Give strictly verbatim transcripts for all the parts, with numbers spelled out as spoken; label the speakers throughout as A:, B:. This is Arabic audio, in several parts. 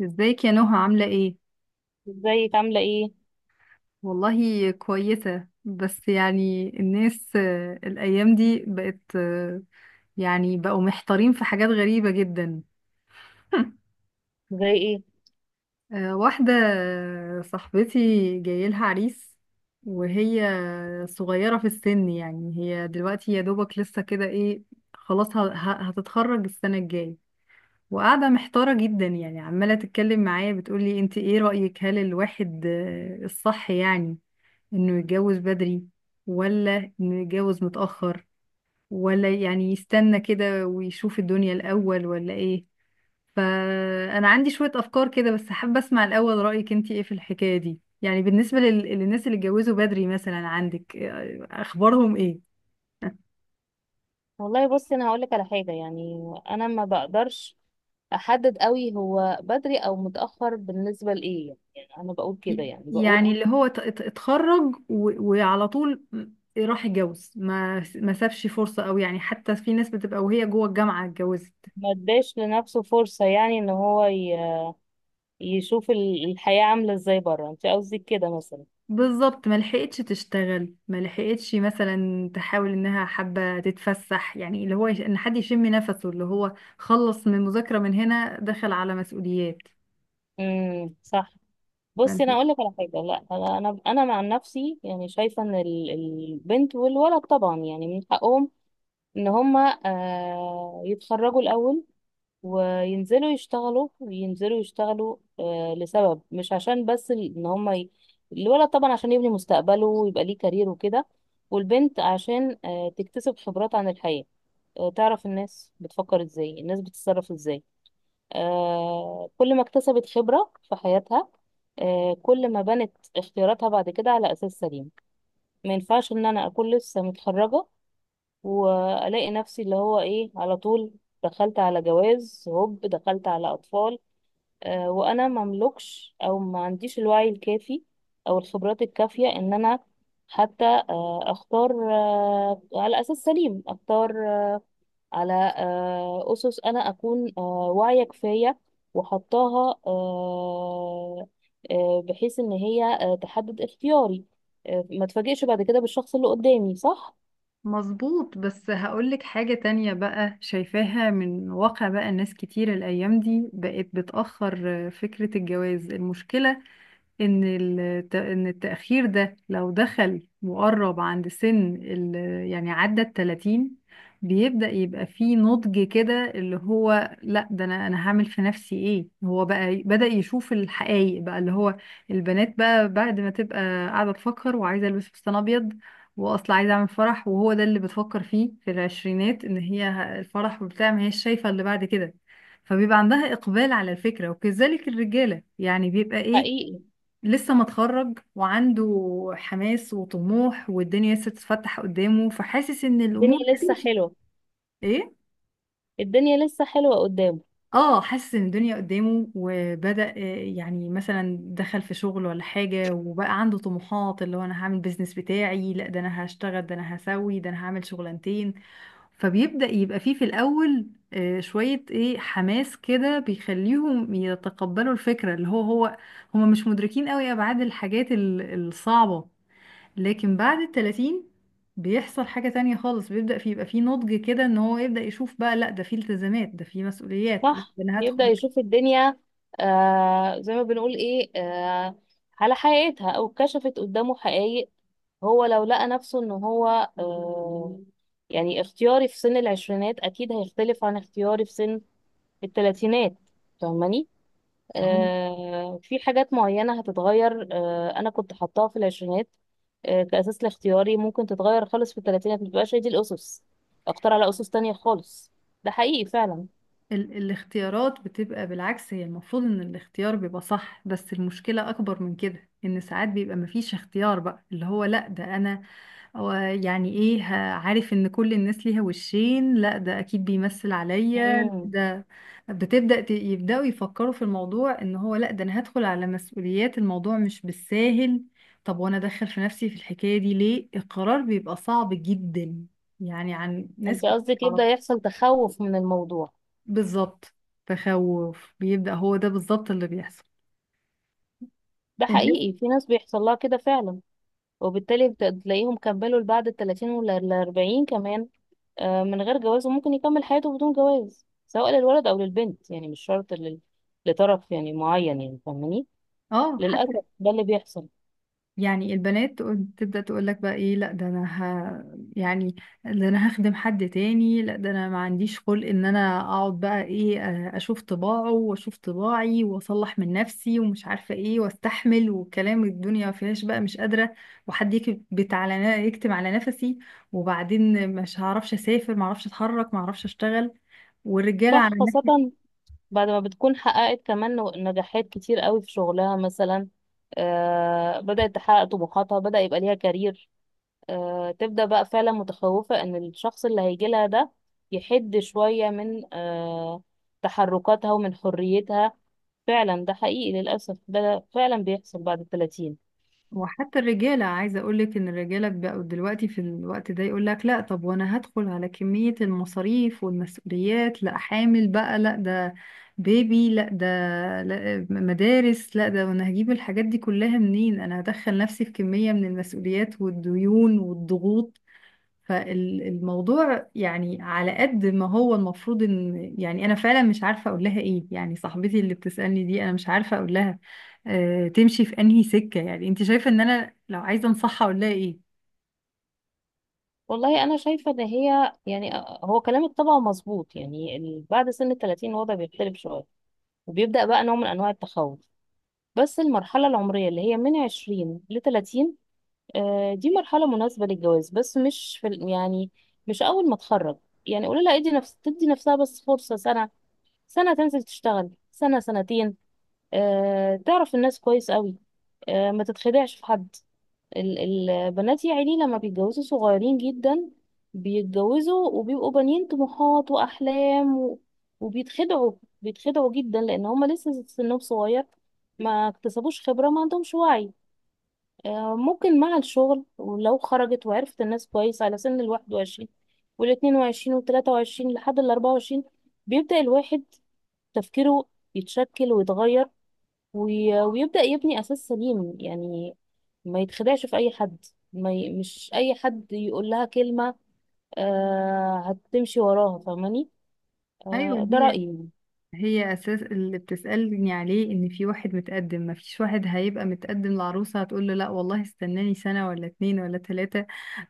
A: ازيك يا نهى، عاملة ايه؟
B: ازيك عاملة ايه؟
A: والله كويسة، بس يعني الناس، آه، الأيام دي بقت، آه، يعني بقوا محتارين في حاجات غريبة جدا.
B: زي ايه؟
A: آه، واحدة آه، صاحبتي جايلها عريس، وهي صغيرة في السن. يعني هي دلوقتي يا دوبك لسه كده ايه، خلاص ه- ه- هتتخرج السنة الجاية. وقاعدة محتارة جدا، يعني عمالة تتكلم معايا، بتقولي انت ايه رأيك؟ هل الواحد آه، الصح يعني انه يتجوز بدري، ولا انه يتجوز متأخر، ولا يعني يستنى كده ويشوف الدنيا الأول، ولا ايه؟ فأنا عندي شوية أفكار كده، بس حابة أسمع الأول رأيك انتي ايه في الحكاية دي. يعني بالنسبة لل... للناس اللي اتجوزوا بدري، مثلا عندك آه، أخبارهم ايه؟
B: والله بصي، انا هقولك على حاجة يعني. انا ما بقدرش احدد قوي هو بدري او متأخر بالنسبة لايه، يعني انا بقول كده،
A: ي-
B: يعني بقول
A: يعني اللي هو ت- ت- اتخرج و... وعلى طول راح يتجوز، ما ما سابش فرصة، أو يعني حتى في ناس بتبقى وهي جوه الجامعة اتجوزت.
B: ما اداش لنفسه فرصة، يعني ان هو ي- يشوف ال- الحياة عاملة ازاي بره. انت قصدك كده مثلا؟
A: بالظبط، ما لحقتش تشتغل، ما لحقتش مثلا تحاول انها حابه تتفسح. يعني اللي هو يش- ان حد يشم نفسه، اللي هو خلص من مذاكره من هنا دخل على مسؤوليات.
B: امم صح. بصي انا
A: فانت
B: اقولك على حاجة، لا، انا انا انا مع نفسي يعني شايفة ان ال- البنت والولد طبعا يعني من حقهم ان هما آه، يتخرجوا الاول وينزلوا يشتغلوا، ينزلوا يشتغلوا آه، لسبب، مش عشان بس ال- ان هم ي... الولد طبعا عشان يبني مستقبله ويبقى ليه كارير وكده، والبنت عشان آه، تكتسب خبرات عن الحياة، آه، تعرف الناس بتفكر ازاي، الناس بتتصرف ازاي. آه، كل ما اكتسبت خبرة في حياتها آه، كل ما بنت اختياراتها بعد كده على أساس سليم. ما ينفعش ان انا اكون لسه متخرجة والاقي نفسي اللي هو ايه، على طول دخلت على جواز، هوب دخلت على اطفال، آه، وانا مملكش او ما عنديش الوعي الكافي او الخبرات الكافيه ان انا حتى آه، اختار آه، على اساس سليم، اختار آه، على آه، اسس انا اكون آه، واعيه كفايه وحطاها، آه، آه، بحيث ان هي آه، تحدد اختياري، آه، ما تفاجئش بعد كده بالشخص اللي قدامي. صح،
A: مظبوط، بس هقولك حاجه تانية بقى شايفاها من واقع. بقى الناس كتير الايام دي بقت بتأخر فكره الجواز. المشكله ان الت- ان التأخير ده لو دخل وقرب عند سن ال- يعني عدى التلاتين، بيبدأ يبقى فيه نضج كده، اللي هو لا ده انا انا هعمل في نفسي ايه، هو بقى ي- بدأ يشوف الحقائق. بقى اللي هو البنات بقى بعد ما تبقى قاعدة تفكر وعايزة البس فستان ابيض، واصلا عايزة اعمل فرح، وهو ده اللي بتفكر فيه في العشرينات، ان هي ه- الفرح وبتاع، ما هيش شايفة اللي بعد كده. فبيبقى عندها إقبال على الفكرة، وكذلك الرجالة يعني بيبقى إيه،
B: حقيقي.
A: لسه متخرج وعنده حماس وطموح، والدنيا لسه تتفتح قدامه، فحاسس ان
B: الدنيا
A: الامور
B: لسه
A: هتمشي.
B: حلوه.
A: ايه،
B: الدنيا لسه حلوه قدامه.
A: اه حاسس ان الدنيا قدامه، وبدأ آه، يعني مثلا دخل في شغل ولا حاجة، وبقى عنده طموحات اللي هو انا هعمل بيزنس بتاعي، لا ده انا هشتغل، ده انا هسوي، ده انا هعمل شغلانتين. فبيبدأ يبقى فيه في الاول آه، شوية ايه حماس كده، بيخليهم يتقبلوا الفكرة، اللي هو هو هما مش مدركين قوي ابعاد الحاجات ال- الصعبة. لكن بعد التلاتين بيحصل حاجة تانية خالص، بيبدأ في يبقى في نضج كده، ان هو يبدأ يشوف بقى، لا ده في التزامات، ده في مسؤوليات،
B: صح،
A: انا
B: يبدأ
A: هدخل.
B: يشوف الدنيا آه، زي ما بنقول ايه، آه، على حقيقتها، او كشفت قدامه حقائق. هو لو لقى نفسه ان هو آه، يعني اختياري في سن العشرينات اكيد هيختلف عن اختياري في سن التلاتينات. فاهماني؟
A: هم.
B: آه، في حاجات معينة هتتغير، آه، انا كنت حطاها في العشرينات آه، كأساس لاختياري، ممكن تتغير خالص في التلاتينات، متبقاش هي دي الأسس. اختار على أسس تانية خالص. ده حقيقي فعلا.
A: ال الاختيارات بتبقى بالعكس، هي المفروض ان الاختيار بيبقى صح، بس المشكلة اكبر من كده، ان ساعات بيبقى مفيش اختيار بقى، اللي هو لا ده انا هو يعني ايه، ه- عارف ان كل الناس ليها وشين، لا ده اكيد بيمثل عليا،
B: مم.
A: لا ده بتبدأ ت- يبدأوا يفكروا في الموضوع، ان هو لا ده انا هدخل على مسؤوليات، الموضوع مش بالساهل. طب وانا ادخل في نفسي في الحكاية دي ليه، القرار بيبقى صعب جدا يعني عن ناس
B: انت
A: كتير.
B: قصدك
A: تعرف،
B: يبدأ يحصل تخوف من الموضوع؟
A: بالظبط، تخوف بيبدأ، هو ده بالظبط اللي بيحصل
B: ده
A: الناس.
B: حقيقي، في ناس بيحصل لها كده فعلا، وبالتالي بت- تلاقيهم كملوا بعد التلاتين ولا الأربعين كمان، آه، من غير جواز، وممكن يكمل حياته بدون جواز سواء للولد أو للبنت، يعني مش شرط لل... لطرف يعني معين. يعني فاهماني؟
A: اه حتى
B: للأسف ده اللي بيحصل.
A: يعني البنات تقول- تبدأ تقول لك بقى ايه، لا ده انا ه... يعني ده انا هخدم حد تاني، لا ده انا ما عنديش خلق ان انا اقعد بقى ايه آه، اشوف طباعه واشوف طباعي، واصلح من نفسي ومش عارفة ايه، واستحمل وكلام الدنيا ما فيهاش بقى مش قادرة، وحد يكبت على نا- يكتم على نفسي. وبعدين مش هعرفش اسافر، ما اعرفش اتحرك، ما اعرفش اشتغل. والرجالة على
B: صح، خاصة
A: الناحية،
B: بعد ما بتكون حققت كمان نو- نجاحات كتير قوي في شغلها مثلا، آه بدأت تحقق طموحاتها، بدأ يبقى ليها كارير، آه، تبدأ بقى فعلا متخوفة ان الشخص اللي هيجي لها ده يحد شوية من آه، تحركاتها ومن حريتها. فعلا ده حقيقي، للأسف ده فعلا بيحصل بعد التلاتين.
A: وحتى الرجالة، عايزة أقولك إن الرجالة بقوا دلوقتي في الوقت ده يقولك لأ، طب وأنا هدخل على كمية المصاريف والمسؤوليات، لأ حامل بقى، لأ ده بيبي، لأ ده لأ مدارس، لأ ده، وأنا هجيب الحاجات دي كلها منين؟ أنا هدخل نفسي في كمية من المسؤوليات والديون والضغوط. فالموضوع يعني على قد ما هو المفروض ان، يعني انا فعلا مش عارفه اقول لها ايه. يعني صاحبتي اللي بتسالني دي انا مش عارفه اقول لها آه تمشي في انهي سكه. يعني انت شايفه ان انا لو عايزه انصحها اقول لها ايه؟
B: والله أنا شايفة إن هي يعني آه، هو كلامك طبعا مظبوط، يعني ال- بعد سن التلاتين الوضع بيختلف شوية، وبيبدأ بقى نوع من أنواع التخوف. بس المرحلة العمرية اللي هي من عشرين لتلاتين آه، دي مرحلة مناسبة للجواز، بس مش في ال- يعني مش أول ما تخرج. يعني قولي لها ادي نفس تدي نفسها بس فرصة سنة، سنة تنزل تشتغل، سنة سنتين، آه، تعرف الناس كويس قوي، آه، ما تتخدعش في حد. ال- البنات يا عيني لما بيتجوزوا صغيرين جدا، بيتجوزوا وبيبقوا بانيين طموحات وأحلام و... وبيتخدعوا، بيتخدعوا جدا لأن هما لسه سنهم صغير، ما اكتسبوش خبرة، ما عندهمش وعي. آه، ممكن مع الشغل ولو خرجت وعرفت الناس كويس، على سن الواحد وعشرين والاتنين وعشرين والتلاتة وعشرين لحد الأربعة وعشرين بيبدأ الواحد تفكيره يتشكل ويتغير، وي- ويبدأ يبني أساس سليم يعني، ما يتخدعش في أي حد، ما ي... مش أي حد يقول لها كلمة آه هتمشي وراها. فاهماني؟
A: ايوه،
B: آه، ده
A: هي
B: رأيي يعني.
A: هي اساس اللي بتسالني عليه ان في واحد متقدم، ما فيش واحد هيبقى متقدم لعروسه هتقول له لا والله استناني سنه ولا اتنين ولا تلاته،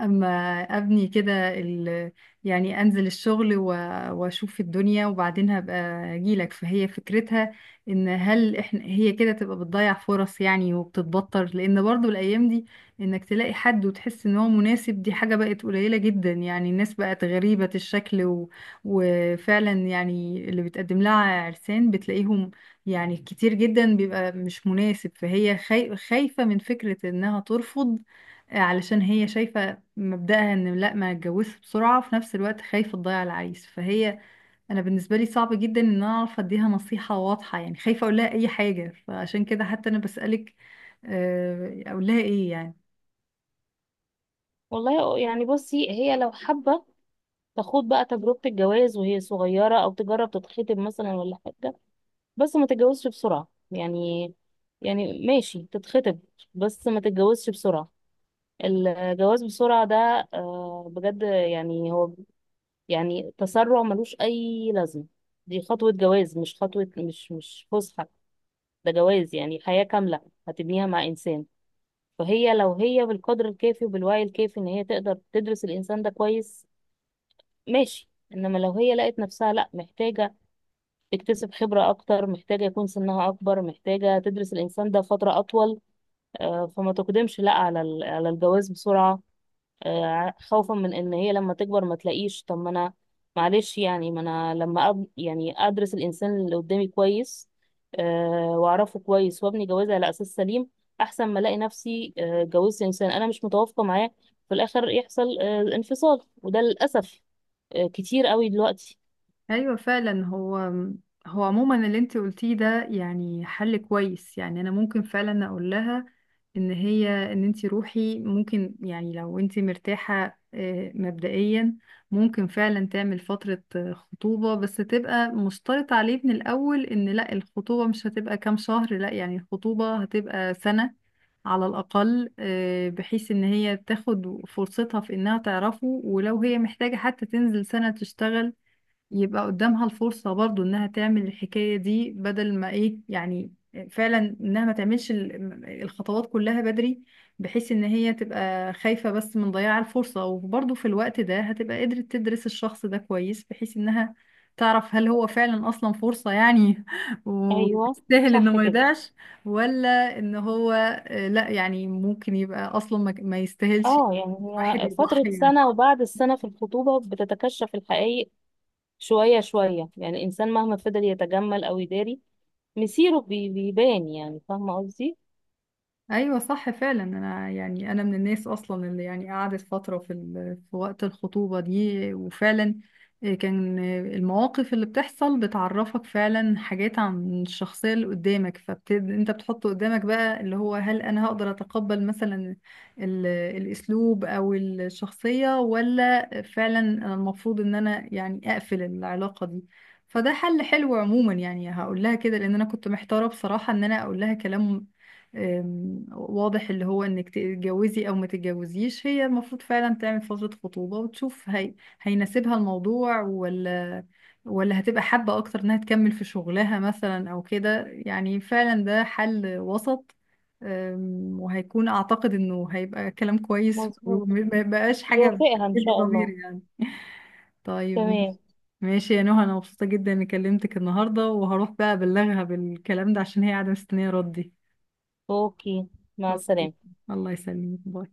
A: اما ابني كده ال... يعني انزل الشغل و... واشوف الدنيا وبعدين هبقى اجيلك. فهي فكرتها ان هل احنا هي كده تبقى بتضيع فرص يعني، وبتتبطر، لان برضو الايام دي انك تلاقي حد وتحس ان هو مناسب دي حاجة بقت قليلة جدا. يعني الناس بقت غريبة الشكل، و... وفعلا يعني اللي بتقدم لها عرسان بتلاقيهم يعني كتير جدا بيبقى مش مناسب، فهي خاي... خايفة من فكرة انها ترفض. علشان هي شايفة مبدأها ان لا، ما اتجوزش بسرعة، وفي نفس الوقت خايفة تضيع العريس. فهي انا بالنسبة لي صعب جدا ان انا اعرف اديها نصيحة واضحة، يعني خايفة اقول لها اي حاجة، فعشان كده حتى انا بسألك آه، اقول لها ايه يعني؟
B: والله يعني بصي، هي لو حابة تاخد بقى تجربة الجواز وهي صغيرة، أو تجرب تتخطب مثلا ولا حاجة، بس ما تتجوزش بسرعة يعني. يعني ماشي، تتخطب بس ما تتجوزش بسرعة. الجواز بسرعة ده آه، بجد يعني هو يعني تسرع ملوش أي لازمة. دي خطوة جواز، مش خطوة، مش مش فسحة، ده جواز يعني حياة كاملة هتبنيها مع إنسان. فهي لو هي بالقدر الكافي وبالوعي الكافي إن هي تقدر تدرس الإنسان ده كويس ماشي، إنما لو هي لقت نفسها لأ محتاجة تكتسب خبرة أكتر، محتاجة يكون سنها أكبر، محتاجة تدرس الإنسان ده فترة أطول، آه، فما تقدمش لا على ال- على الجواز بسرعة، آه، خوفا من إن هي لما تكبر ما تلاقيش. طب ما أنا معلش يعني ما أنا لما أب- يعني أدرس الإنسان اللي قدامي كويس، آه، وأعرفه كويس وأبني جوازي على أساس سليم أحسن ما ألاقي نفسي آه، اتجوزت إنسان أنا مش متوافقة معاه، في الآخر يحصل آه، انفصال، وده للأسف آه، كتير قوي دلوقتي.
A: ايوه فعلا، هو هو عموما اللي انت قلتيه ده يعني حل كويس. يعني انا ممكن فعلا اقول لها ان هي، ان انت روحي، ممكن، يعني لو انت مرتاحة آه، مبدئيا، ممكن فعلا تعمل فترة آه، خطوبة، بس تبقى مشترط عليه من الاول ان لا الخطوبة مش هتبقى كام شهر، لا يعني الخطوبة هتبقى سنة على الأقل، آه، بحيث إن هي تاخد فرصتها في إنها تعرفه. ولو هي محتاجة حتى تنزل سنة تشتغل يبقى قدامها الفرصة برضو انها تعمل الحكاية دي، بدل ما ايه يعني فعلا انها ما تعملش ال- الخطوات كلها بدري، بحيث ان هي تبقى خايفة بس من ضياع الفرصة، وبرضو في الوقت ده هتبقى قدرت تدرس الشخص ده كويس، بحيث انها تعرف هل هو فعلا اصلا فرصة يعني
B: أيوه
A: ويستاهل انه
B: صح
A: ما
B: كده.
A: يضيعش، ولا ان هو آه، لا يعني ممكن يبقى اصلا ما ما يستاهلش
B: اه يعني
A: الواحد
B: هي فترة
A: يضحي يعني.
B: سنة وبعد السنة في الخطوبة بتتكشف الحقائق شوية شوية يعني، الإنسان مهما فضل يتجمل أو يداري مصيره بي- بيبان، يعني فاهمة قصدي؟
A: ايوه صح فعلا، انا يعني انا من الناس اصلا اللي يعني قعدت فتره في ال... في وقت الخطوبه دي، وفعلا كان المواقف اللي بتحصل بتعرفك فعلا حاجات عن الشخصيه اللي قدامك، فبت... انت بتحط قدامك بقى اللي هو هل انا هقدر اتقبل مثلا ال... الاسلوب او الشخصيه، ولا فعلا أنا المفروض ان انا يعني اقفل العلاقه دي. فده حل حلو عموما يعني، هقول لها كده، لان انا كنت محتاره بصراحه ان انا اقول لها كلام أم، واضح، اللي هو انك تتجوزي او ما تتجوزيش. هي المفروض فعلا تعمل فترة خطوبة وتشوف هي هيناسبها الموضوع ولا، ولا هتبقى حابة اكتر انها تكمل في شغلها مثلا او كده. يعني فعلا ده حل وسط، أم، وهيكون اعتقد انه هيبقى كلام كويس،
B: مظبوط،
A: وما يبقاش حاجة
B: يوافقها إن
A: بتأذي
B: شاء الله.
A: ضميري يعني. طيب، ماشي.
B: تمام،
A: ماشي يا نهى، انا مبسوطة جدا اني كلمتك النهاردة، وهروح بقى ابلغها بالكلام ده عشان هي قاعدة مستنية ردي.
B: أوكي، مع
A: أوكي.
B: السلامة.
A: الله يسلمك، باي.